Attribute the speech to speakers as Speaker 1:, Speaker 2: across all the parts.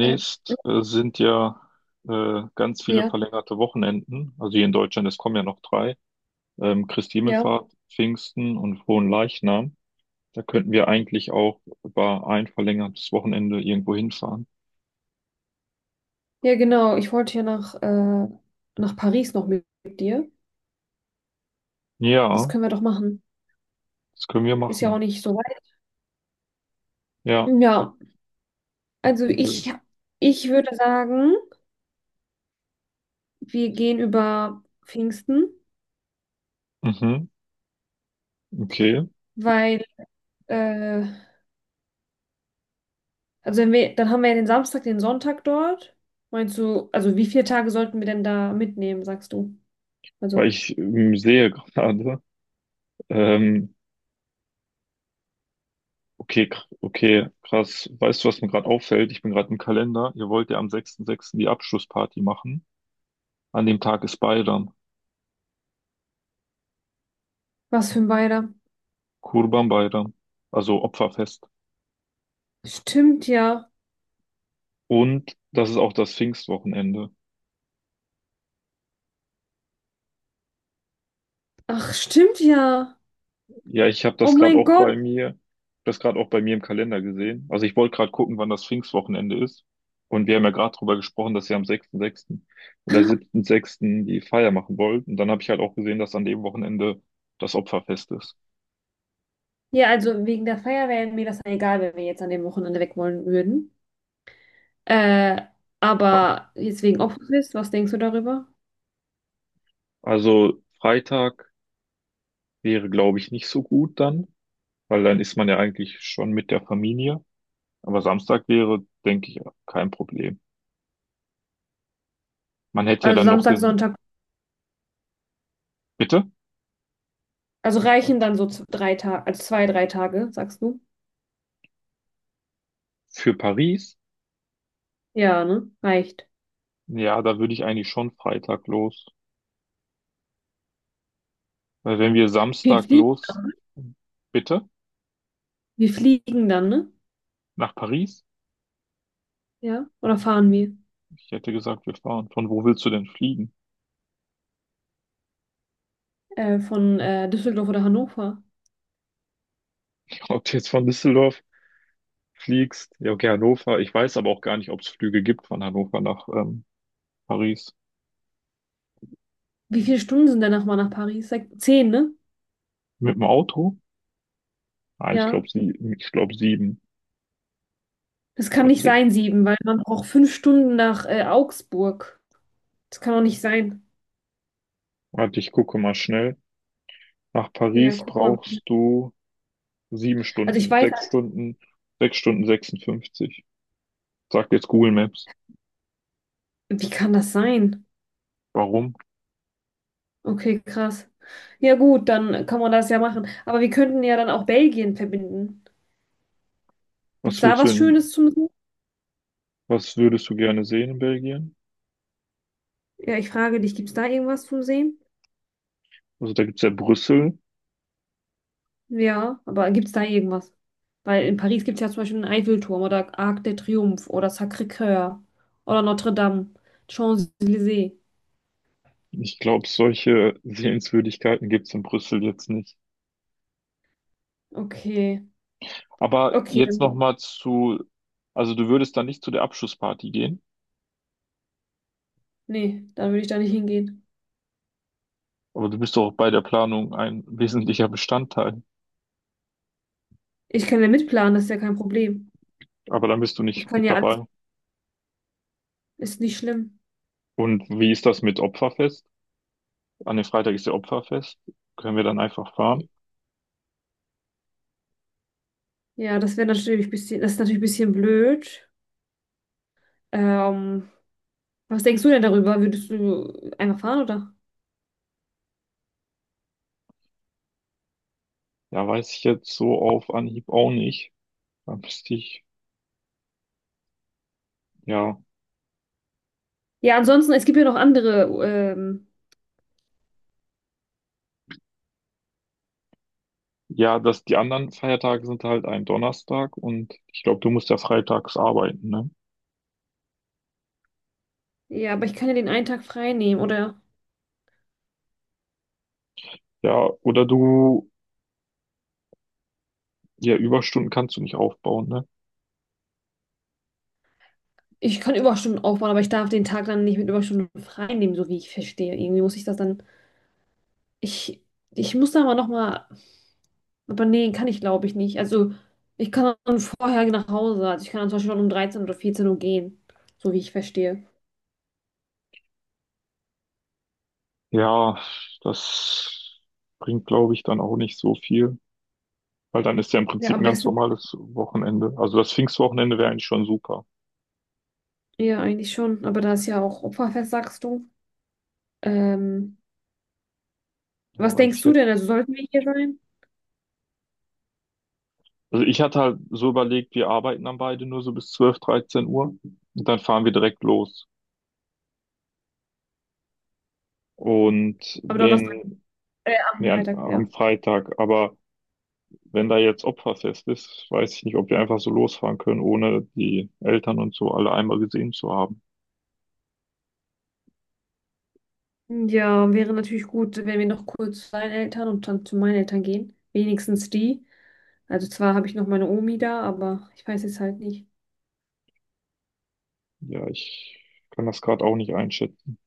Speaker 1: Äh,
Speaker 2: sind ja ganz viele
Speaker 1: ja,
Speaker 2: verlängerte Wochenenden. Also hier in Deutschland, es kommen ja noch drei. Christi
Speaker 1: ja.
Speaker 2: Himmelfahrt, Pfingsten und Frohen Leichnam. Da könnten wir eigentlich auch über ein verlängertes Wochenende irgendwo hinfahren.
Speaker 1: Ja, genau. Ich wollte ja nach Paris noch mit dir. Das
Speaker 2: Ja,
Speaker 1: können wir doch machen.
Speaker 2: das können wir
Speaker 1: Ist ja auch
Speaker 2: machen.
Speaker 1: nicht so weit.
Speaker 2: Ja.
Speaker 1: Ja, also
Speaker 2: Äh,
Speaker 1: ich würde sagen, wir gehen über Pfingsten,
Speaker 2: Mhm, okay.
Speaker 1: weil, äh, also wenn wir, dann haben wir ja den Samstag, den Sonntag dort. Meinst du, also wie viele Tage sollten wir denn da mitnehmen, sagst du?
Speaker 2: Weil
Speaker 1: Also,
Speaker 2: ich sehe gerade, ähm, okay, krass. Weißt du, was mir gerade auffällt? Ich bin gerade im Kalender. Ihr wollt ja am 6.6. die Abschlussparty machen. An dem Tag ist Bayram.
Speaker 1: was für ein Beider?
Speaker 2: Kurban Bayram, also Opferfest.
Speaker 1: Stimmt ja.
Speaker 2: Und das ist auch das Pfingstwochenende.
Speaker 1: Ach, stimmt ja.
Speaker 2: Ja, ich habe
Speaker 1: Oh
Speaker 2: das gerade
Speaker 1: mein
Speaker 2: auch
Speaker 1: Gott.
Speaker 2: bei mir, das gerade auch bei mir im Kalender gesehen. Also ich wollte gerade gucken, wann das Pfingstwochenende ist. Und wir haben ja gerade drüber gesprochen, dass wir am 6.6. oder 7.6. die Feier machen wollt. Und dann habe ich halt auch gesehen, dass an dem Wochenende das Opferfest ist.
Speaker 1: Ja, also wegen der Feier wäre mir das egal, wenn wir jetzt an dem Wochenende weg wollen würden. Äh,
Speaker 2: Ach,
Speaker 1: aber jetzt wegen Opferfest, was denkst du darüber?
Speaker 2: also Freitag wäre, glaube ich, nicht so gut dann, weil dann ist man ja eigentlich schon mit der Familie. Aber Samstag wäre, denke ich, kein Problem. Man hätte ja
Speaker 1: Also
Speaker 2: dann noch
Speaker 1: Samstag,
Speaker 2: den,
Speaker 1: Sonntag,
Speaker 2: bitte?
Speaker 1: also reichen dann so drei Tage, also 2, 3 Tage, sagst du?
Speaker 2: Für Paris?
Speaker 1: Ja, ne? Reicht.
Speaker 2: Ja, da würde ich eigentlich schon Freitag los. Weil wenn wir
Speaker 1: Wir
Speaker 2: Samstag
Speaker 1: fliegen,
Speaker 2: los, bitte?
Speaker 1: Wir fliegen dann, ne?
Speaker 2: Nach Paris?
Speaker 1: Ja. Oder fahren wir?
Speaker 2: Ich hätte gesagt, wir fahren. Von wo willst du denn fliegen?
Speaker 1: Von Düsseldorf oder Hannover.
Speaker 2: Ob du jetzt von Düsseldorf fliegst? Ja, okay, Hannover. Ich weiß aber auch gar nicht, ob es Flüge gibt von Hannover nach Paris.
Speaker 1: Wie viele Stunden sind denn nochmal nach Paris? Sag, zehn, ne?
Speaker 2: Mit dem Auto? Nein,
Speaker 1: Ja.
Speaker 2: ich glaube sieben
Speaker 1: Das kann
Speaker 2: oder
Speaker 1: nicht
Speaker 2: zehn.
Speaker 1: sein, sieben, weil man braucht 5 Stunden nach Augsburg. Das kann doch nicht sein.
Speaker 2: Warte, ich gucke mal schnell. Nach
Speaker 1: Ja,
Speaker 2: Paris
Speaker 1: guck mal.
Speaker 2: brauchst du sieben
Speaker 1: Also ich
Speaker 2: Stunden,
Speaker 1: weiß,
Speaker 2: sechs
Speaker 1: halt,
Speaker 2: Stunden, 6 Stunden 56. Sagt jetzt Google Maps.
Speaker 1: wie kann das sein?
Speaker 2: Warum?
Speaker 1: Okay, krass. Ja gut, dann kann man das ja machen. Aber wir könnten ja dann auch Belgien verbinden. Gibt es
Speaker 2: Was
Speaker 1: da
Speaker 2: willst du
Speaker 1: was
Speaker 2: in,
Speaker 1: Schönes zum Sehen?
Speaker 2: was würdest du gerne sehen in Belgien?
Speaker 1: Ja, ich frage dich, gibt es da irgendwas zum Sehen?
Speaker 2: Also da gibt's ja Brüssel.
Speaker 1: Ja, aber gibt es da irgendwas? Weil in Paris gibt es ja zum Beispiel den Eiffelturm oder Arc de Triomphe oder Sacré-Cœur oder Notre-Dame, Champs-Élysées.
Speaker 2: Ich glaube, solche Sehenswürdigkeiten gibt's in Brüssel jetzt nicht.
Speaker 1: Okay,
Speaker 2: Aber
Speaker 1: okay,
Speaker 2: jetzt
Speaker 1: dann,
Speaker 2: nochmal zu, also du würdest dann nicht zu der Abschlussparty gehen,
Speaker 1: nee, dann würde ich da nicht hingehen.
Speaker 2: aber du bist doch bei der Planung ein wesentlicher Bestandteil.
Speaker 1: Ich kann ja mitplanen, das ist ja kein Problem.
Speaker 2: Aber dann bist du
Speaker 1: Ich
Speaker 2: nicht
Speaker 1: kann
Speaker 2: mit
Speaker 1: ja alles,
Speaker 2: dabei.
Speaker 1: ist nicht schlimm.
Speaker 2: Und wie ist das mit Opferfest? An dem Freitag ist ja Opferfest. Können wir dann einfach fahren?
Speaker 1: Ja, das wäre natürlich ein bisschen, das ist natürlich ein bisschen blöd. Ähm, Was denkst du denn darüber? Würdest du einfach fahren oder?
Speaker 2: Ja, weiß ich jetzt so auf Anhieb auch nicht. Dann müsste ich, ja.
Speaker 1: Ja, ansonsten, es gibt ja noch andere. Ähm,
Speaker 2: Ja, dass die anderen Feiertage sind halt ein Donnerstag und ich glaube, du musst ja freitags arbeiten, ne?
Speaker 1: ja, aber ich kann ja den einen Tag frei nehmen oder
Speaker 2: Ja, oder du, ja, Überstunden kannst du nicht aufbauen, ne?
Speaker 1: ich kann Überstunden aufbauen, aber ich darf den Tag dann nicht mit Überstunden frei nehmen, so wie ich verstehe. Irgendwie muss ich das dann. Ich, ich muss da mal nochmal. Aber nee, kann ich glaube ich nicht. Also, ich kann dann vorher nach Hause. Also, ich kann dann zum Beispiel schon um 13 oder 14 Uhr gehen, so wie ich verstehe.
Speaker 2: Ja, das bringt, glaube ich, dann auch nicht so viel, weil dann ist ja im
Speaker 1: Ja,
Speaker 2: Prinzip
Speaker 1: am
Speaker 2: ein ganz
Speaker 1: besten.
Speaker 2: normales Wochenende. Also das Pfingstwochenende wäre eigentlich schon super.
Speaker 1: Ja, eigentlich schon. Aber da ist ja auch Opferfest, sagst du. Ähm,
Speaker 2: Ja,
Speaker 1: Was
Speaker 2: weiß
Speaker 1: denkst
Speaker 2: ich
Speaker 1: du denn?
Speaker 2: jetzt.
Speaker 1: Also sollten wir hier sein?
Speaker 2: Also ich hatte halt so überlegt, wir arbeiten dann beide nur so bis 12 13 Uhr und dann fahren wir direkt los. Und
Speaker 1: Aber Donnerstag,
Speaker 2: wenn, nee,
Speaker 1: am
Speaker 2: an,
Speaker 1: Freitag,
Speaker 2: am
Speaker 1: ja.
Speaker 2: Freitag, aber wenn da jetzt Opferfest ist, weiß ich nicht, ob wir einfach so losfahren können, ohne die Eltern und so alle einmal gesehen zu haben.
Speaker 1: Ja, wäre natürlich gut, wenn wir noch kurz zu deinen Eltern und dann zu meinen Eltern gehen. Wenigstens die. Also zwar habe ich noch meine Omi da, aber ich weiß jetzt halt nicht.
Speaker 2: Ja, ich kann das gerade auch nicht einschätzen.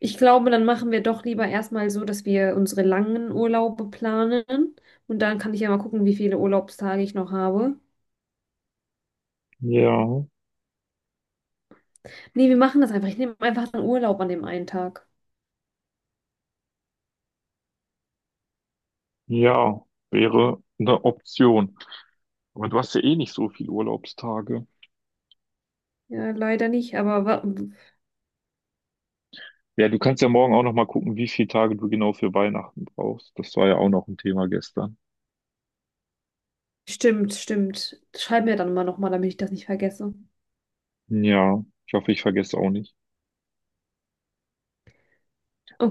Speaker 1: Ich glaube, dann machen wir doch lieber erstmal so, dass wir unsere langen Urlaube planen. Und dann kann ich ja mal gucken, wie viele Urlaubstage ich noch habe.
Speaker 2: Ja,
Speaker 1: Nee, wir machen das einfach. Ich nehme einfach einen Urlaub an dem einen Tag.
Speaker 2: ja, wäre eine Option. Aber du hast ja eh nicht so viele Urlaubstage.
Speaker 1: Ja, leider nicht, aber wa.
Speaker 2: Ja, du kannst ja morgen auch noch mal gucken, wie viele Tage du genau für Weihnachten brauchst. Das war ja auch noch ein Thema gestern.
Speaker 1: Stimmt, stimmt. Schreib mir dann mal nochmal, damit ich das nicht vergesse.
Speaker 2: Ja, ich hoffe, ich vergesse auch nicht.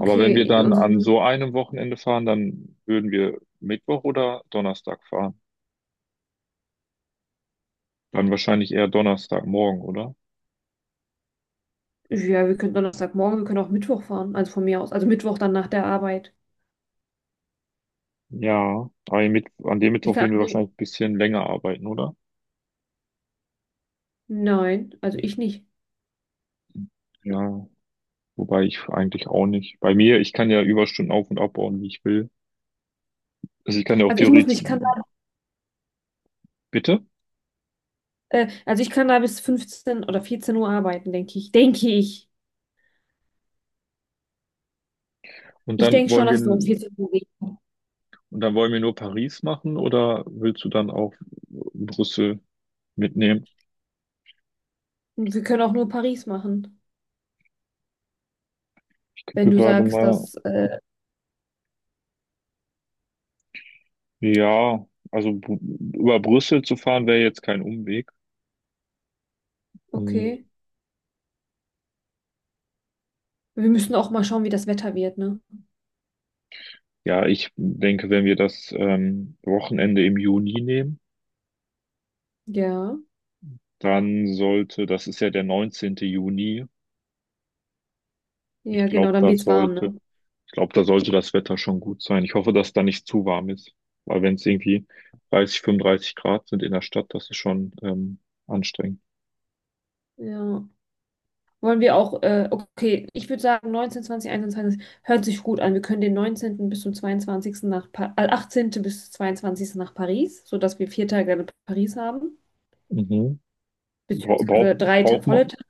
Speaker 2: Aber wenn wir dann
Speaker 1: und, so,
Speaker 2: an
Speaker 1: so,
Speaker 2: so einem Wochenende fahren, dann würden wir Mittwoch oder Donnerstag fahren. Dann wahrscheinlich eher Donnerstagmorgen, oder?
Speaker 1: so, ja, wir können Donnerstagmorgen, wir können auch Mittwoch fahren, also von mir aus. Also Mittwoch dann nach der Arbeit.
Speaker 2: Ja, aber an dem
Speaker 1: Ich
Speaker 2: Mittwoch
Speaker 1: kann,
Speaker 2: würden wir
Speaker 1: also,
Speaker 2: wahrscheinlich ein bisschen länger arbeiten, oder?
Speaker 1: nein, also ich nicht.
Speaker 2: Ja, wobei ich eigentlich auch nicht. Bei mir, ich kann ja Überstunden auf- und abbauen, wie ich will. Also ich kann ja auch
Speaker 1: Also ich muss
Speaker 2: theoretisch,
Speaker 1: nicht, ich kann
Speaker 2: bitte.
Speaker 1: da, also ich kann da bis 15 oder 14 Uhr arbeiten, denke ich. Denke ich.
Speaker 2: Und
Speaker 1: Ich
Speaker 2: dann
Speaker 1: denke schon,
Speaker 2: wollen wir,
Speaker 1: dass ich so um
Speaker 2: und
Speaker 1: 14 Uhr gehe.
Speaker 2: dann wollen wir nur Paris machen oder willst du dann auch Brüssel mitnehmen?
Speaker 1: Und wir können auch nur Paris machen,
Speaker 2: Ich
Speaker 1: wenn
Speaker 2: gucke
Speaker 1: du
Speaker 2: gerade
Speaker 1: sagst,
Speaker 2: mal,
Speaker 1: dass,
Speaker 2: ja, also über Brüssel zu fahren wäre jetzt kein Umweg. Hm,
Speaker 1: okay. Wir müssen auch mal schauen, wie das Wetter wird, ne?
Speaker 2: Ja, ich denke, wenn wir das Wochenende im Juni nehmen,
Speaker 1: Ja,
Speaker 2: Das ist ja der 19. Juni. Ich
Speaker 1: ja, genau,
Speaker 2: glaube,
Speaker 1: dann
Speaker 2: da
Speaker 1: wird's warm, ne?
Speaker 2: sollte, ich glaube, da sollte das Wetter schon gut sein. Ich hoffe, dass da nicht zu warm ist. Weil wenn es irgendwie 30, 35 Grad sind in der Stadt, das ist schon anstrengend.
Speaker 1: Ja. Wollen wir auch, okay, ich würde sagen 19., 20., 21. hört sich gut an. Wir können den 19. bis zum 22. nach, pa 18. bis 22. nach Paris, sodass wir 4 Tage in Paris haben,
Speaker 2: Mhm. Bra braucht,
Speaker 1: beziehungsweise drei Ta
Speaker 2: braucht
Speaker 1: volle
Speaker 2: man,
Speaker 1: Tage.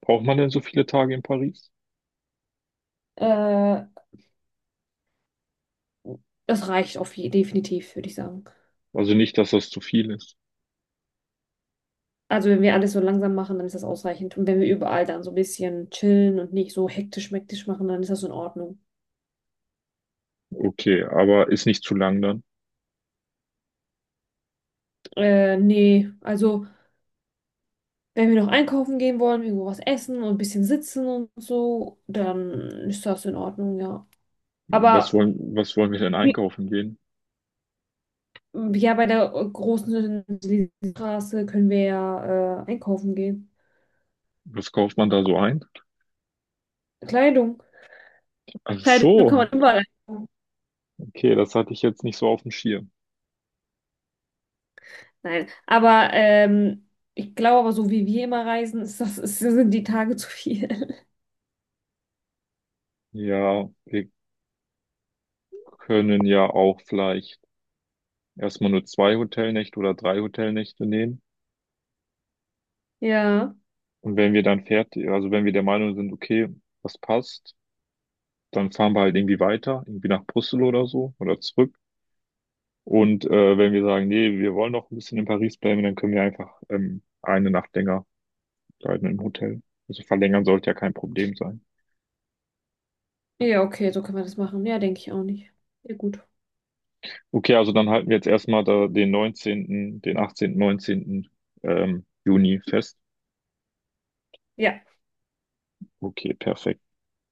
Speaker 2: braucht man denn so viele Tage in Paris?
Speaker 1: Äh, Das reicht auf je definitiv, würde ich sagen.
Speaker 2: Also nicht, dass das zu viel ist.
Speaker 1: Also wenn wir alles so langsam machen, dann ist das ausreichend. Und wenn wir überall dann so ein bisschen chillen und nicht so hektisch-mektisch machen, dann ist das in Ordnung.
Speaker 2: Okay, aber ist nicht zu lang dann.
Speaker 1: Nee, also. Wenn wir noch einkaufen gehen wollen, irgendwo was essen und ein bisschen sitzen und so, dann ist das in Ordnung, ja.
Speaker 2: Was
Speaker 1: Aber
Speaker 2: wollen, was wollen wir denn
Speaker 1: wie-
Speaker 2: einkaufen gehen?
Speaker 1: ja, bei der großen Straße können wir ja einkaufen gehen.
Speaker 2: Was kauft man da so ein?
Speaker 1: Kleidung.
Speaker 2: Ach
Speaker 1: Kleidung kann
Speaker 2: so,
Speaker 1: man überall einkaufen.
Speaker 2: okay, das hatte ich jetzt nicht so auf dem Schirm.
Speaker 1: Nein, aber ich glaube aber, so wie wir immer reisen, ist das, ist, sind die Tage zu viel.
Speaker 2: Ja, wir können ja auch vielleicht erstmal nur zwei Hotelnächte oder drei Hotelnächte nehmen.
Speaker 1: Ja.
Speaker 2: Und wenn wir dann fertig, also wenn wir der Meinung sind, okay, das passt, dann fahren wir halt irgendwie weiter, irgendwie nach Brüssel oder so oder zurück. Und wenn wir sagen, nee, wir wollen noch ein bisschen in Paris bleiben, dann können wir einfach eine Nacht länger bleiben im Hotel. Also verlängern sollte ja kein Problem sein.
Speaker 1: Ja, okay, so können wir das machen. Ja, denke ich auch nicht. Ja, gut.
Speaker 2: Okay, also dann halten wir jetzt erstmal da den 19., den 18., 19. Juni fest.
Speaker 1: Ja.
Speaker 2: Okay, perfekt.